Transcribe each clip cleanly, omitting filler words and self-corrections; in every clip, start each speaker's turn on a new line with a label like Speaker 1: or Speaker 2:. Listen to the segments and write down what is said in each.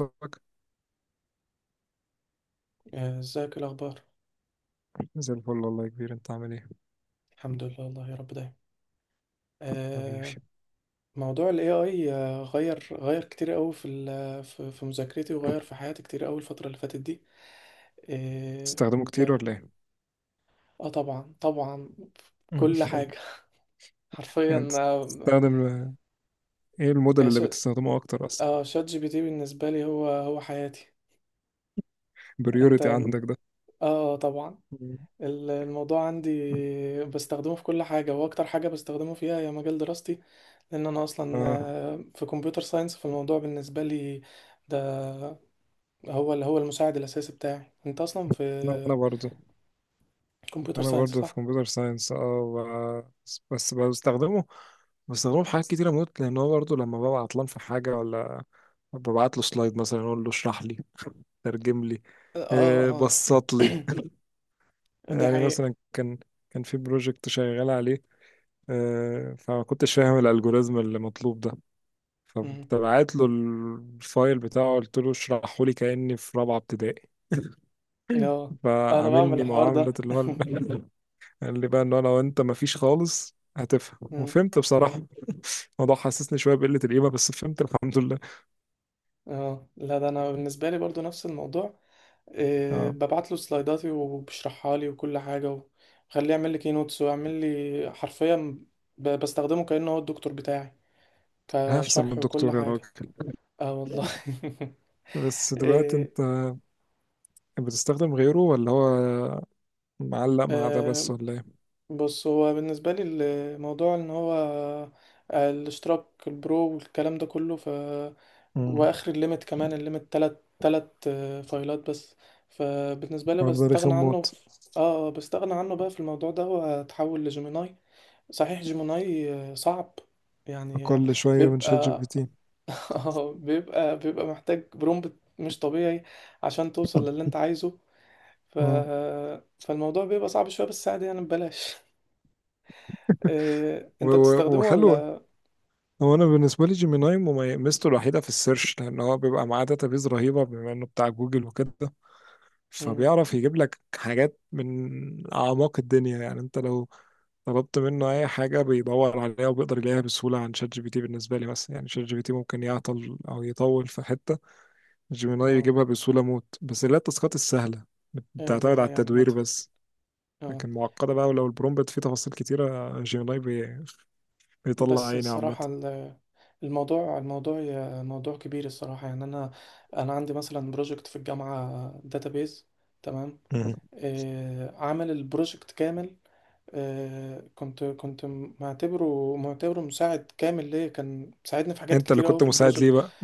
Speaker 1: أخبارك؟
Speaker 2: آه، ازيك، إيه الاخبار؟
Speaker 1: زي الفل والله يا كبير، انت عامل ايه؟
Speaker 2: الحمد لله والله، يا رب دايما.
Speaker 1: حبيبي،
Speaker 2: آه. موضوع الاي اي غير كتير قوي في مذاكرتي، وغير في حياتي كتير قوي الفتره اللي فاتت دي. آه،
Speaker 1: بتستخدمه
Speaker 2: ك
Speaker 1: كتير ولا ايه؟
Speaker 2: اه، طبعا طبعا، كل حاجه.
Speaker 1: يعني
Speaker 2: حرفيا
Speaker 1: انت
Speaker 2: آه.
Speaker 1: بتستخدم، ايه الموديل
Speaker 2: آه،
Speaker 1: اللي
Speaker 2: ش-
Speaker 1: بتستخدمه اكتر اصلا؟
Speaker 2: شات جي بي تي بالنسبه لي هو حياتي. انت؟
Speaker 1: بريوريتي
Speaker 2: اه.
Speaker 1: عندك ده.
Speaker 2: طبعا. الموضوع عندي بستخدمه في كل حاجه، واكتر حاجه بستخدمه فيها هي مجال دراستي، لان انا اصلا
Speaker 1: اه،
Speaker 2: في كمبيوتر ساينس، فالموضوع بالنسبه لي ده هو اللي هو المساعد الاساسي بتاعي. انت اصلا في
Speaker 1: انا انا برضه
Speaker 2: كمبيوتر
Speaker 1: انا
Speaker 2: ساينس،
Speaker 1: برضه في
Speaker 2: صح؟
Speaker 1: كمبيوتر ساينس. اه بس بستخدمه في حاجات كتيرة موت، لان هو برضه لما ببقى عطلان في حاجة ولا ببعت له سلايد مثلا اقول له اشرح لي، ترجم لي،
Speaker 2: اه اه.
Speaker 1: بسط لي.
Speaker 2: دي
Speaker 1: يعني
Speaker 2: حقيقه.
Speaker 1: مثلا كان في بروجكت شغال عليه، فما كنتش فاهم الالجوريزم اللي مطلوب ده،
Speaker 2: مم.
Speaker 1: فكنت بعت له الفايل بتاعه قلت له اشرحه لي كاني في رابعه ابتدائي.
Speaker 2: اه، انا بعمل
Speaker 1: فعاملني
Speaker 2: الحوار ده.
Speaker 1: معامله اللي هو قال لي بقى ان انا وانت مفيش خالص هتفهم،
Speaker 2: مم.
Speaker 1: وفهمت بصراحه. الموضوع حسسني شويه بقله القيمه، بس فهمت الحمد لله.
Speaker 2: اه، لا، ده انا بالنسبه لي برضو نفس الموضوع. إيه،
Speaker 1: اه،
Speaker 2: ببعت له سلايداتي وبشرحها لي وكل حاجه، وخليه يعمل لي كينوتس، ويعمل لي حرفيا، بستخدمه كانه هو الدكتور بتاعي،
Speaker 1: هحسن من
Speaker 2: كشرح وكل
Speaker 1: الدكتور يا
Speaker 2: حاجه.
Speaker 1: راجل.
Speaker 2: اه والله.
Speaker 1: بس دلوقتي انت بتستخدم غيره ولا هو معلق مع ده بس
Speaker 2: آه،
Speaker 1: ولا ايه؟
Speaker 2: بص، هو بالنسبة لي الموضوع ان هو الاشتراك البرو والكلام ده كله، ف
Speaker 1: مم.
Speaker 2: واخر الليمت، كمان الليمت تلات فايلات بس. فبالنسبة لي
Speaker 1: الحوار ده رخم
Speaker 2: بستغنى عنه
Speaker 1: موت،
Speaker 2: في اه بستغنى عنه بقى في الموضوع ده، واتحول لجيميناي. صحيح جيميناي صعب
Speaker 1: اقل
Speaker 2: يعني،
Speaker 1: شويه من شات جي
Speaker 2: بيبقى
Speaker 1: بي تي.
Speaker 2: بيبقى محتاج برومبت مش طبيعي عشان توصل للي انت عايزه. ف...
Speaker 1: اه،
Speaker 2: فالموضوع بيبقى صعب شوية، بس عادي يعني، ببلاش. إيه،
Speaker 1: و-
Speaker 2: انت بتستخدمه
Speaker 1: وحلو.
Speaker 2: ولا؟
Speaker 1: هو انا بالنسبه لي جيميناي ميزته الوحيده في السيرش، لان هو بيبقى معاه داتابيز رهيبه بما انه بتاع جوجل وكده.
Speaker 2: مم.
Speaker 1: فبيعرف يجيب لك حاجات من اعماق الدنيا، يعني انت لو طلبت منه اي حاجه بيدور عليها وبيقدر يلاقيها بسهوله عن شات جي بي تي بالنسبه لي. مثلا يعني شات جي بي تي ممكن يعطل او يطول في حته، جيميناي
Speaker 2: اه.
Speaker 1: يجيبها بسهوله موت، بس اللي هي التاسكات السهله
Speaker 2: إيه، دي
Speaker 1: بتعتمد على
Speaker 2: حقيقة
Speaker 1: التدوير
Speaker 2: عامة.
Speaker 1: بس.
Speaker 2: اه.
Speaker 1: لكن معقده بقى، ولو البرومبت فيه تفاصيل كتيره جيميناي بيطلع
Speaker 2: بس
Speaker 1: عيني عامه.
Speaker 2: الصراحة، موضوع كبير الصراحة، يعني انا عندي مثلا بروجكت في الجامعة، داتابيز. تمام.
Speaker 1: مهم.
Speaker 2: إيه، عامل البروجكت كامل. كنت معتبره مساعد كامل ليا، كان مساعدني في حاجات
Speaker 1: انت اللي
Speaker 2: كتير قوي
Speaker 1: كنت
Speaker 2: في
Speaker 1: مساعد ليه
Speaker 2: البروجكت.
Speaker 1: بقى،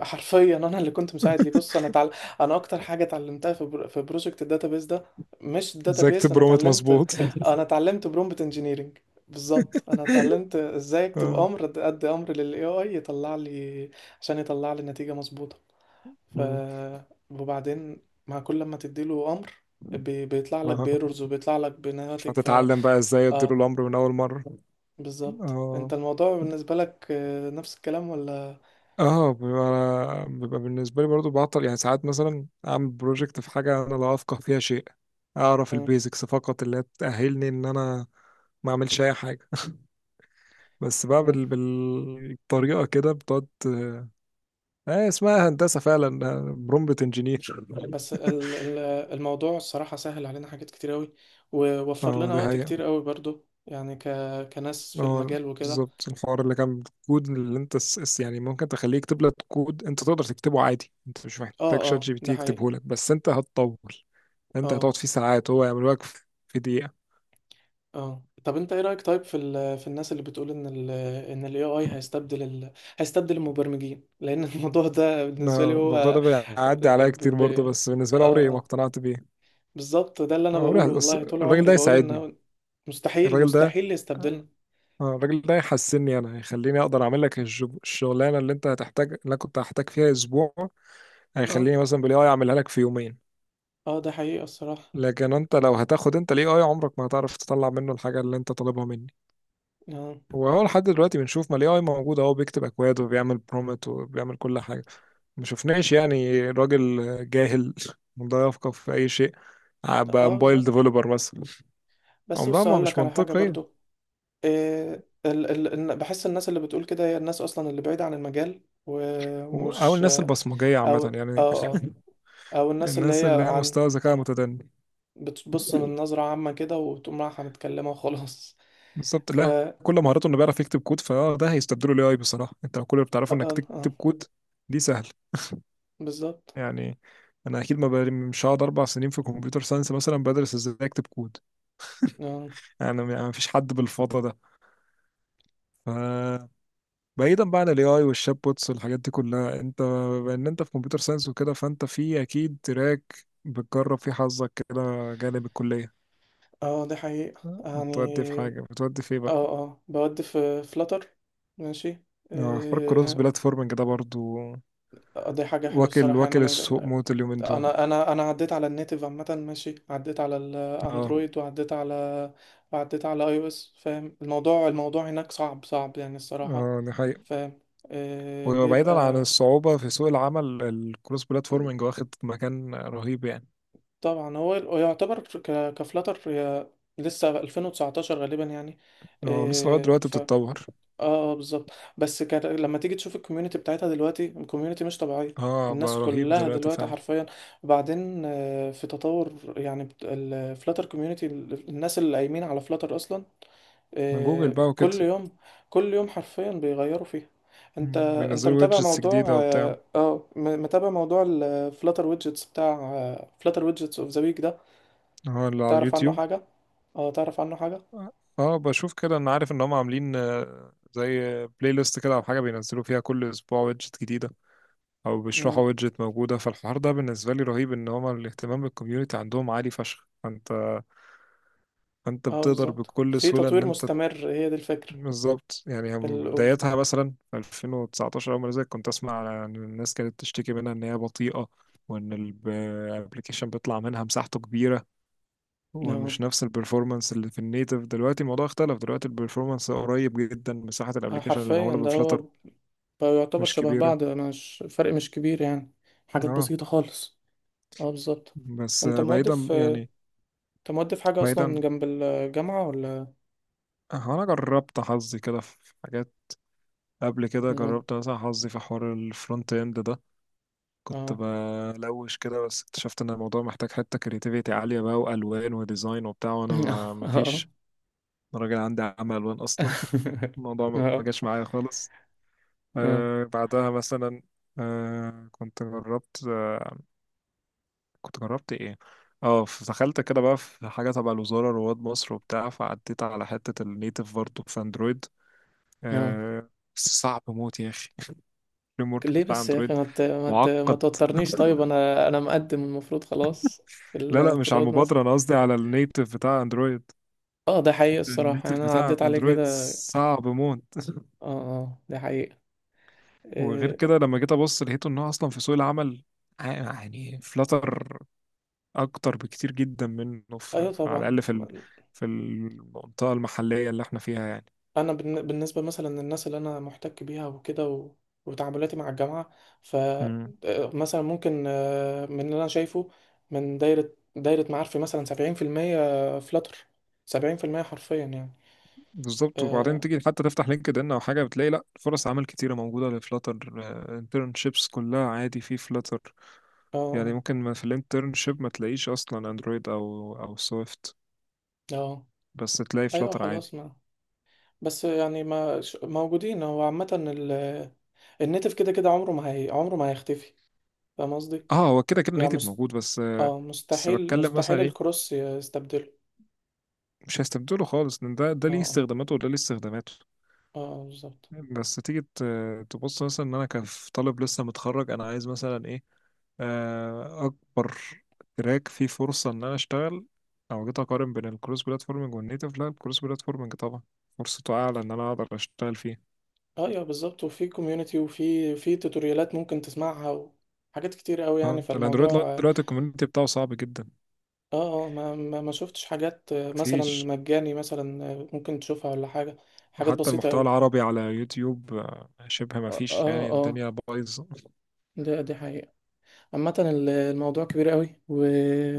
Speaker 2: حرفيا انا اللي كنت مساعد ليه. بص، انا تعال... انا اكتر حاجه اتعلمتها في بروجكت الداتابيز ده مش
Speaker 1: ازاي
Speaker 2: الداتابيز.
Speaker 1: اكتب
Speaker 2: انا
Speaker 1: برومت
Speaker 2: اتعلمت،
Speaker 1: مظبوط.
Speaker 2: انا اتعلمت برومبت انجينيرنج. بالظبط، انا اتعلمت ازاي اكتب
Speaker 1: اه.
Speaker 2: امر، ادي امر للاي اي يطلع لي، عشان يطلع لي نتيجه مظبوطه. ف
Speaker 1: مم.
Speaker 2: وبعدين مع كل لما تديله امر، بيطلع لك
Speaker 1: اه،
Speaker 2: بيرورز، وبيطلع لك بناتج. ف
Speaker 1: هتتعلم بقى ازاي ادير
Speaker 2: اه.
Speaker 1: الامر من اول مره.
Speaker 2: بالظبط، انت
Speaker 1: اه
Speaker 2: الموضوع بالنسبة لك نفس الكلام ولا؟
Speaker 1: اه، بيبقى بالنسبه لي برضو بعطل، يعني ساعات مثلا اعمل بروجكت في حاجه انا لا افقه فيها شيء. اعرف
Speaker 2: مم.
Speaker 1: البيزكس فقط اللي تاهلني ان انا ما اعملش اي حاجه. بس بقى
Speaker 2: مم.
Speaker 1: بالطريقه كده بتقعد. اه اسمها هندسه فعلا، برومبت انجينير.
Speaker 2: بس الموضوع الصراحة سهل علينا حاجات كتير قوي، ووفر
Speaker 1: اه
Speaker 2: لنا
Speaker 1: دي
Speaker 2: وقت
Speaker 1: حقيقة.
Speaker 2: كتير قوي برضو، يعني كناس في
Speaker 1: هو
Speaker 2: المجال وكده.
Speaker 1: بالظبط الحوار اللي كان بالكود، اللي انت يعني ممكن تخليه يكتب لك كود انت تقدر تكتبه عادي، انت مش محتاج
Speaker 2: اه
Speaker 1: شات
Speaker 2: اه،
Speaker 1: جي بي تي
Speaker 2: ده حقيقي.
Speaker 1: يكتبه لك، بس انت هتطول. انت
Speaker 2: اه
Speaker 1: هتقعد فيه ساعات، هو يعمله لك في في دقيقة.
Speaker 2: اه، طب انت ايه رأيك طيب في الناس اللي بتقول ان ال AI هيستبدل هيستبدل المبرمجين، لان الموضوع ده بالنسبة لي
Speaker 1: لا،
Speaker 2: هو
Speaker 1: الموضوع ده بيعدي
Speaker 2: آه،
Speaker 1: عليا
Speaker 2: ب...
Speaker 1: كتير
Speaker 2: ب...
Speaker 1: برضه، بس بالنسبة لي عمري
Speaker 2: اه
Speaker 1: ما
Speaker 2: اه،
Speaker 1: اقتنعت بيه.
Speaker 2: بالظبط، ده اللي انا
Speaker 1: عمري
Speaker 2: بقوله. والله طول
Speaker 1: الراجل
Speaker 2: عمري
Speaker 1: ده
Speaker 2: بقول
Speaker 1: يساعدني.
Speaker 2: ان مستحيل
Speaker 1: الراجل ده
Speaker 2: مستحيل يستبدلنا.
Speaker 1: اه الراجل ده يحسني، انا يخليني اقدر اعمل لك الشغلانه اللي انت هتحتاج، اللي انا كنت هحتاج فيها اسبوع
Speaker 2: اه
Speaker 1: هيخليني مثلا بالاي اي اعملها لك في يومين.
Speaker 2: اه، ده حقيقة الصراحة.
Speaker 1: لكن انت لو هتاخد انت الاي اي عمرك ما هتعرف تطلع منه الحاجه اللي انت طالبها مني.
Speaker 2: اه
Speaker 1: وهو لحد دلوقتي بنشوف ما الاي اي موجود اهو بيكتب اكواد وبيعمل برومت وبيعمل كل حاجه. ما شفناش يعني راجل جاهل لا يفقه في اي شيء ابقى
Speaker 2: اه،
Speaker 1: موبايل
Speaker 2: بالظبط.
Speaker 1: ديفلوبر مثلا.
Speaker 2: بس
Speaker 1: عمرها
Speaker 2: بص،
Speaker 1: ما
Speaker 2: هقول لك
Speaker 1: مش
Speaker 2: على حاجة
Speaker 1: منطقية.
Speaker 2: برضو. إيه، بحس الناس اللي بتقول كده هي الناس اصلا اللي بعيدة عن المجال،
Speaker 1: او
Speaker 2: ومش
Speaker 1: الناس البصمجية
Speaker 2: او
Speaker 1: عامة
Speaker 2: اه
Speaker 1: يعني،
Speaker 2: اه، او الناس اللي
Speaker 1: الناس
Speaker 2: هي
Speaker 1: اللي هي
Speaker 2: عن،
Speaker 1: مستوى ذكاء متدني.
Speaker 2: بتبص من نظرة عامة كده، وتقوم رايحة متكلمة وخلاص.
Speaker 1: بالظبط،
Speaker 2: ف
Speaker 1: لا
Speaker 2: اه
Speaker 1: كل مهارته انه بيعرف يكتب كود فده هيستبدله الاي اي بصراحة. انت لو كل اللي
Speaker 2: اه،
Speaker 1: بتعرفه انك تكتب كود دي سهل
Speaker 2: بالظبط.
Speaker 1: يعني، انا اكيد ما بر- مش هقعد اربع سنين في كمبيوتر ساينس مثلا بدرس ازاي اكتب كود.
Speaker 2: اه
Speaker 1: يعني ما فيش حد بالفضا ده. ف بعيدا بقى عن الاي اي والشات بوتس والحاجات دي كلها، انت بان انت في كمبيوتر ساينس وكده فانت في اكيد تراك بتجرب فيه حظك كده جانب الكلية.
Speaker 2: اه، دي حقيقة يعني.
Speaker 1: بتودي في ايه بقى؟
Speaker 2: اه اه، بود في فلاتر. ماشي.
Speaker 1: حوار الكروس
Speaker 2: آه.
Speaker 1: بلاتفورمنج ده برضو
Speaker 2: دي حاجة حلوة
Speaker 1: واكل
Speaker 2: الصراحة، يعني
Speaker 1: واكل السوق موت اليومين دول.
Speaker 2: أنا عديت على النيتيف عامة، ماشي، عديت على
Speaker 1: اه
Speaker 2: الأندرويد، وعديت على، وعديت على أي أو إس. فاهم الموضوع هناك صعب صعب يعني الصراحة.
Speaker 1: اه دي حقيقة.
Speaker 2: فاهم.
Speaker 1: وبعيدا عن
Speaker 2: بيبقى
Speaker 1: الصعوبة في سوق العمل، الكروس بلاتفورمنج واخد مكان رهيب يعني.
Speaker 2: طبعا، هو يعتبر كفلاتر هي لسه 2019 غالبا يعني.
Speaker 1: اه لسه لغاية دلوقتي بتتطور.
Speaker 2: اه اه، بالظبط. بس كان لما تيجي تشوف الكوميونتي بتاعتها دلوقتي، الكوميونتي مش طبيعية،
Speaker 1: اه
Speaker 2: الناس
Speaker 1: بقى رهيب
Speaker 2: كلها
Speaker 1: دلوقتي
Speaker 2: دلوقتي
Speaker 1: فعلا،
Speaker 2: حرفيا. وبعدين في تطور يعني الفلاتر كوميونتي، الناس اللي قايمين على فلاتر اصلا
Speaker 1: من جوجل بقى وكده.
Speaker 2: كل يوم كل يوم حرفيا بيغيروا فيها. انت انت
Speaker 1: وينزلوا
Speaker 2: متابع
Speaker 1: ويدجتس
Speaker 2: موضوع
Speaker 1: جديدة وبتاع.
Speaker 2: متابع موضوع الفلاتر ويدجتس بتاع، فلاتر ويدجتس اوف ذا ويك ده؟
Speaker 1: اه اللي على
Speaker 2: تعرف عنه
Speaker 1: اليوتيوب.
Speaker 2: حاجة؟ اه، تعرف عنه حاجة.
Speaker 1: اه بشوف كده، انا عارف ان هم عاملين زي بلاي ليست كده او حاجة بينزلوا فيها كل اسبوع ويدجت جديدة، او
Speaker 2: اه
Speaker 1: بيشرحوا ويدجت موجودة، فالحوار ده بالنسبة لي رهيب ان هم الاهتمام بالكوميونتي عندهم عالي فشخ. فانت
Speaker 2: اه،
Speaker 1: بتقدر
Speaker 2: بالظبط،
Speaker 1: بكل
Speaker 2: في
Speaker 1: سهولة ان
Speaker 2: تطوير
Speaker 1: انت.
Speaker 2: مستمر، هي دي الفكرة.
Speaker 1: بالظبط، يعني هم بدايتها مثلا في 2019، أول ما نزلت كنت أسمع على إن الناس كانت تشتكي منها إن هي بطيئة، وإن الابلكيشن بيطلع منها مساحته كبيرة،
Speaker 2: اه
Speaker 1: ومش نفس البرفورمانس اللي في النيتف. دلوقتي الموضوع اختلف، دلوقتي البرفورمانس قريب جدا، مساحة الابلكيشن اللي
Speaker 2: حرفيا
Speaker 1: معمولة
Speaker 2: ده هو،
Speaker 1: بفلاتر
Speaker 2: بقى يعتبر
Speaker 1: مش
Speaker 2: شبه
Speaker 1: كبيرة.
Speaker 2: بعض، مش فرق مش كبير يعني، حاجات
Speaker 1: اه
Speaker 2: بسيطة خالص. اه، بالظبط.
Speaker 1: بس
Speaker 2: انت مودف انت مودف حاجة اصلا
Speaker 1: بعيدا
Speaker 2: جنب الجامعة ولا؟
Speaker 1: هو أنا جربت حظي كده في حاجات. قبل كده جربت مثلا حظي في حوار الفرونت إند ده،
Speaker 2: اه
Speaker 1: كنت
Speaker 2: اه.
Speaker 1: بلوش كده، بس اكتشفت ان الموضوع محتاج حتة كرياتيفيتي عالية بقى، والوان وديزاين وبتاع، وانا ما فيش. أنا راجل عندي عمل الوان اصلا. الموضوع
Speaker 2: اه
Speaker 1: ما
Speaker 2: اه
Speaker 1: جاش معايا خالص.
Speaker 2: اه
Speaker 1: بعدها مثلا، آه كنت جربت كنت جربت ايه. اه دخلت كده بقى في حاجة تبع الوزارة رواد مصر وبتاع، فعديت على حتة النيتف برضه في اندرويد.
Speaker 2: اه.
Speaker 1: آه بس صعب موت يا اخي. الفريم ورك
Speaker 2: ليه
Speaker 1: بتاع
Speaker 2: بس يا اخي؟
Speaker 1: اندرويد
Speaker 2: ما
Speaker 1: معقد.
Speaker 2: توترنيش طيب، انا مقدم المفروض خلاص
Speaker 1: لا لا،
Speaker 2: في
Speaker 1: مش على
Speaker 2: رواد مصر.
Speaker 1: المبادرة، انا قصدي على النيتف بتاع اندرويد،
Speaker 2: اه، ده حقيقي الصراحة
Speaker 1: الميتر
Speaker 2: يعني، انا
Speaker 1: بتاع
Speaker 2: عديت عليه
Speaker 1: اندرويد
Speaker 2: كده.
Speaker 1: صعب موت.
Speaker 2: اه اه، ده حقيقي.
Speaker 1: وغير
Speaker 2: إيه...
Speaker 1: كده لما جيت ابص لقيته ان هو اصلا في سوق العمل يعني فلاتر اكتر بكتير جدا منه
Speaker 2: ايوه
Speaker 1: على
Speaker 2: طبعا.
Speaker 1: الاقل في في المنطقه المحليه اللي احنا فيها يعني.
Speaker 2: انا بالنسبه مثلا للناس اللي انا محتك بيها وكده، و... وتعاملاتي مع الجامعه. ف
Speaker 1: مم.
Speaker 2: مثلا ممكن من اللي انا شايفه من دايره معارفي مثلا 70% فلاتر، 70% حرفيا يعني.
Speaker 1: بالظبط،
Speaker 2: اه
Speaker 1: وبعدين تيجي حتى تفتح لينكد ان او حاجه بتلاقي، لا فرص عمل كتيره موجوده لفلاتر، انترنشيبس كلها عادي في فلاتر.
Speaker 2: اه
Speaker 1: يعني
Speaker 2: اه
Speaker 1: ممكن، ما في الانترنشيب ما تلاقيش اصلا اندرويد او سويفت،
Speaker 2: آه.
Speaker 1: بس تلاقي
Speaker 2: ايوه
Speaker 1: فلاتر عادي.
Speaker 2: خلاص، ما بس يعني ما ش- موجودين، هو عامه النيتف كده كده عمره ما هي، عمره ما هيختفي. فاهم قصدي،
Speaker 1: اه هو كده كده
Speaker 2: يعني
Speaker 1: نيتف موجود، بس
Speaker 2: اه
Speaker 1: بس
Speaker 2: مستحيل
Speaker 1: بتكلم مثلا
Speaker 2: مستحيل
Speaker 1: ايه،
Speaker 2: الكروس يستبدله.
Speaker 1: مش هيستبدله خالص، ان ده
Speaker 2: اه
Speaker 1: ليه
Speaker 2: اه
Speaker 1: استخداماته وده ليه استخداماته.
Speaker 2: اه، بالظبط.
Speaker 1: بس تيجي تبص مثلا ان انا كطالب لسه متخرج انا عايز مثلا ايه، اكبر تراك فيه فرصة ان انا اشتغل، او جيت اقارن بين الكروس بلاتفورمينج والنيتف، لا الكروس بلاتفورمينج طبعا فرصته اعلى ان انا اقدر اشتغل فيه.
Speaker 2: ايوه بالظبط، وفي كوميونتي، وفي توتوريالات ممكن تسمعها، وحاجات كتير قوي يعني،
Speaker 1: تمام؟
Speaker 2: فالموضوع
Speaker 1: الاندرويد لغاية
Speaker 2: اه.
Speaker 1: دلوقتي الكوميونتي بتاعه صعب جدا،
Speaker 2: اه، ما شفتش حاجات مثلا
Speaker 1: مفيش.
Speaker 2: مجاني مثلا ممكن تشوفها ولا حاجة، حاجات
Speaker 1: وحتى
Speaker 2: بسيطة
Speaker 1: المحتوى
Speaker 2: قوي.
Speaker 1: العربي على يوتيوب شبه
Speaker 2: اه
Speaker 1: مفيش
Speaker 2: اه
Speaker 1: يعني
Speaker 2: آه،
Speaker 1: الدنيا بايظة.
Speaker 2: ده دي حقيقة. عامة الموضوع كبير قوي، و...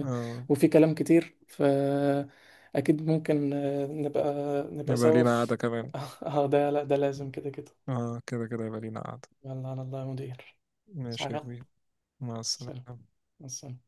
Speaker 1: اه،
Speaker 2: وفي كلام كتير، فأكيد ممكن نبقى نبقى
Speaker 1: يبقى
Speaker 2: سوا
Speaker 1: لينا
Speaker 2: في.
Speaker 1: قعدة كمان.
Speaker 2: اه ده، لا ده لازم كده كده.
Speaker 1: اه كده كده يبقى لينا قعدة.
Speaker 2: يلا على الله يا مدير.
Speaker 1: ماشي يا
Speaker 2: صحيح.
Speaker 1: كبير، مع
Speaker 2: سلام.
Speaker 1: السلامة.
Speaker 2: مع السلامة.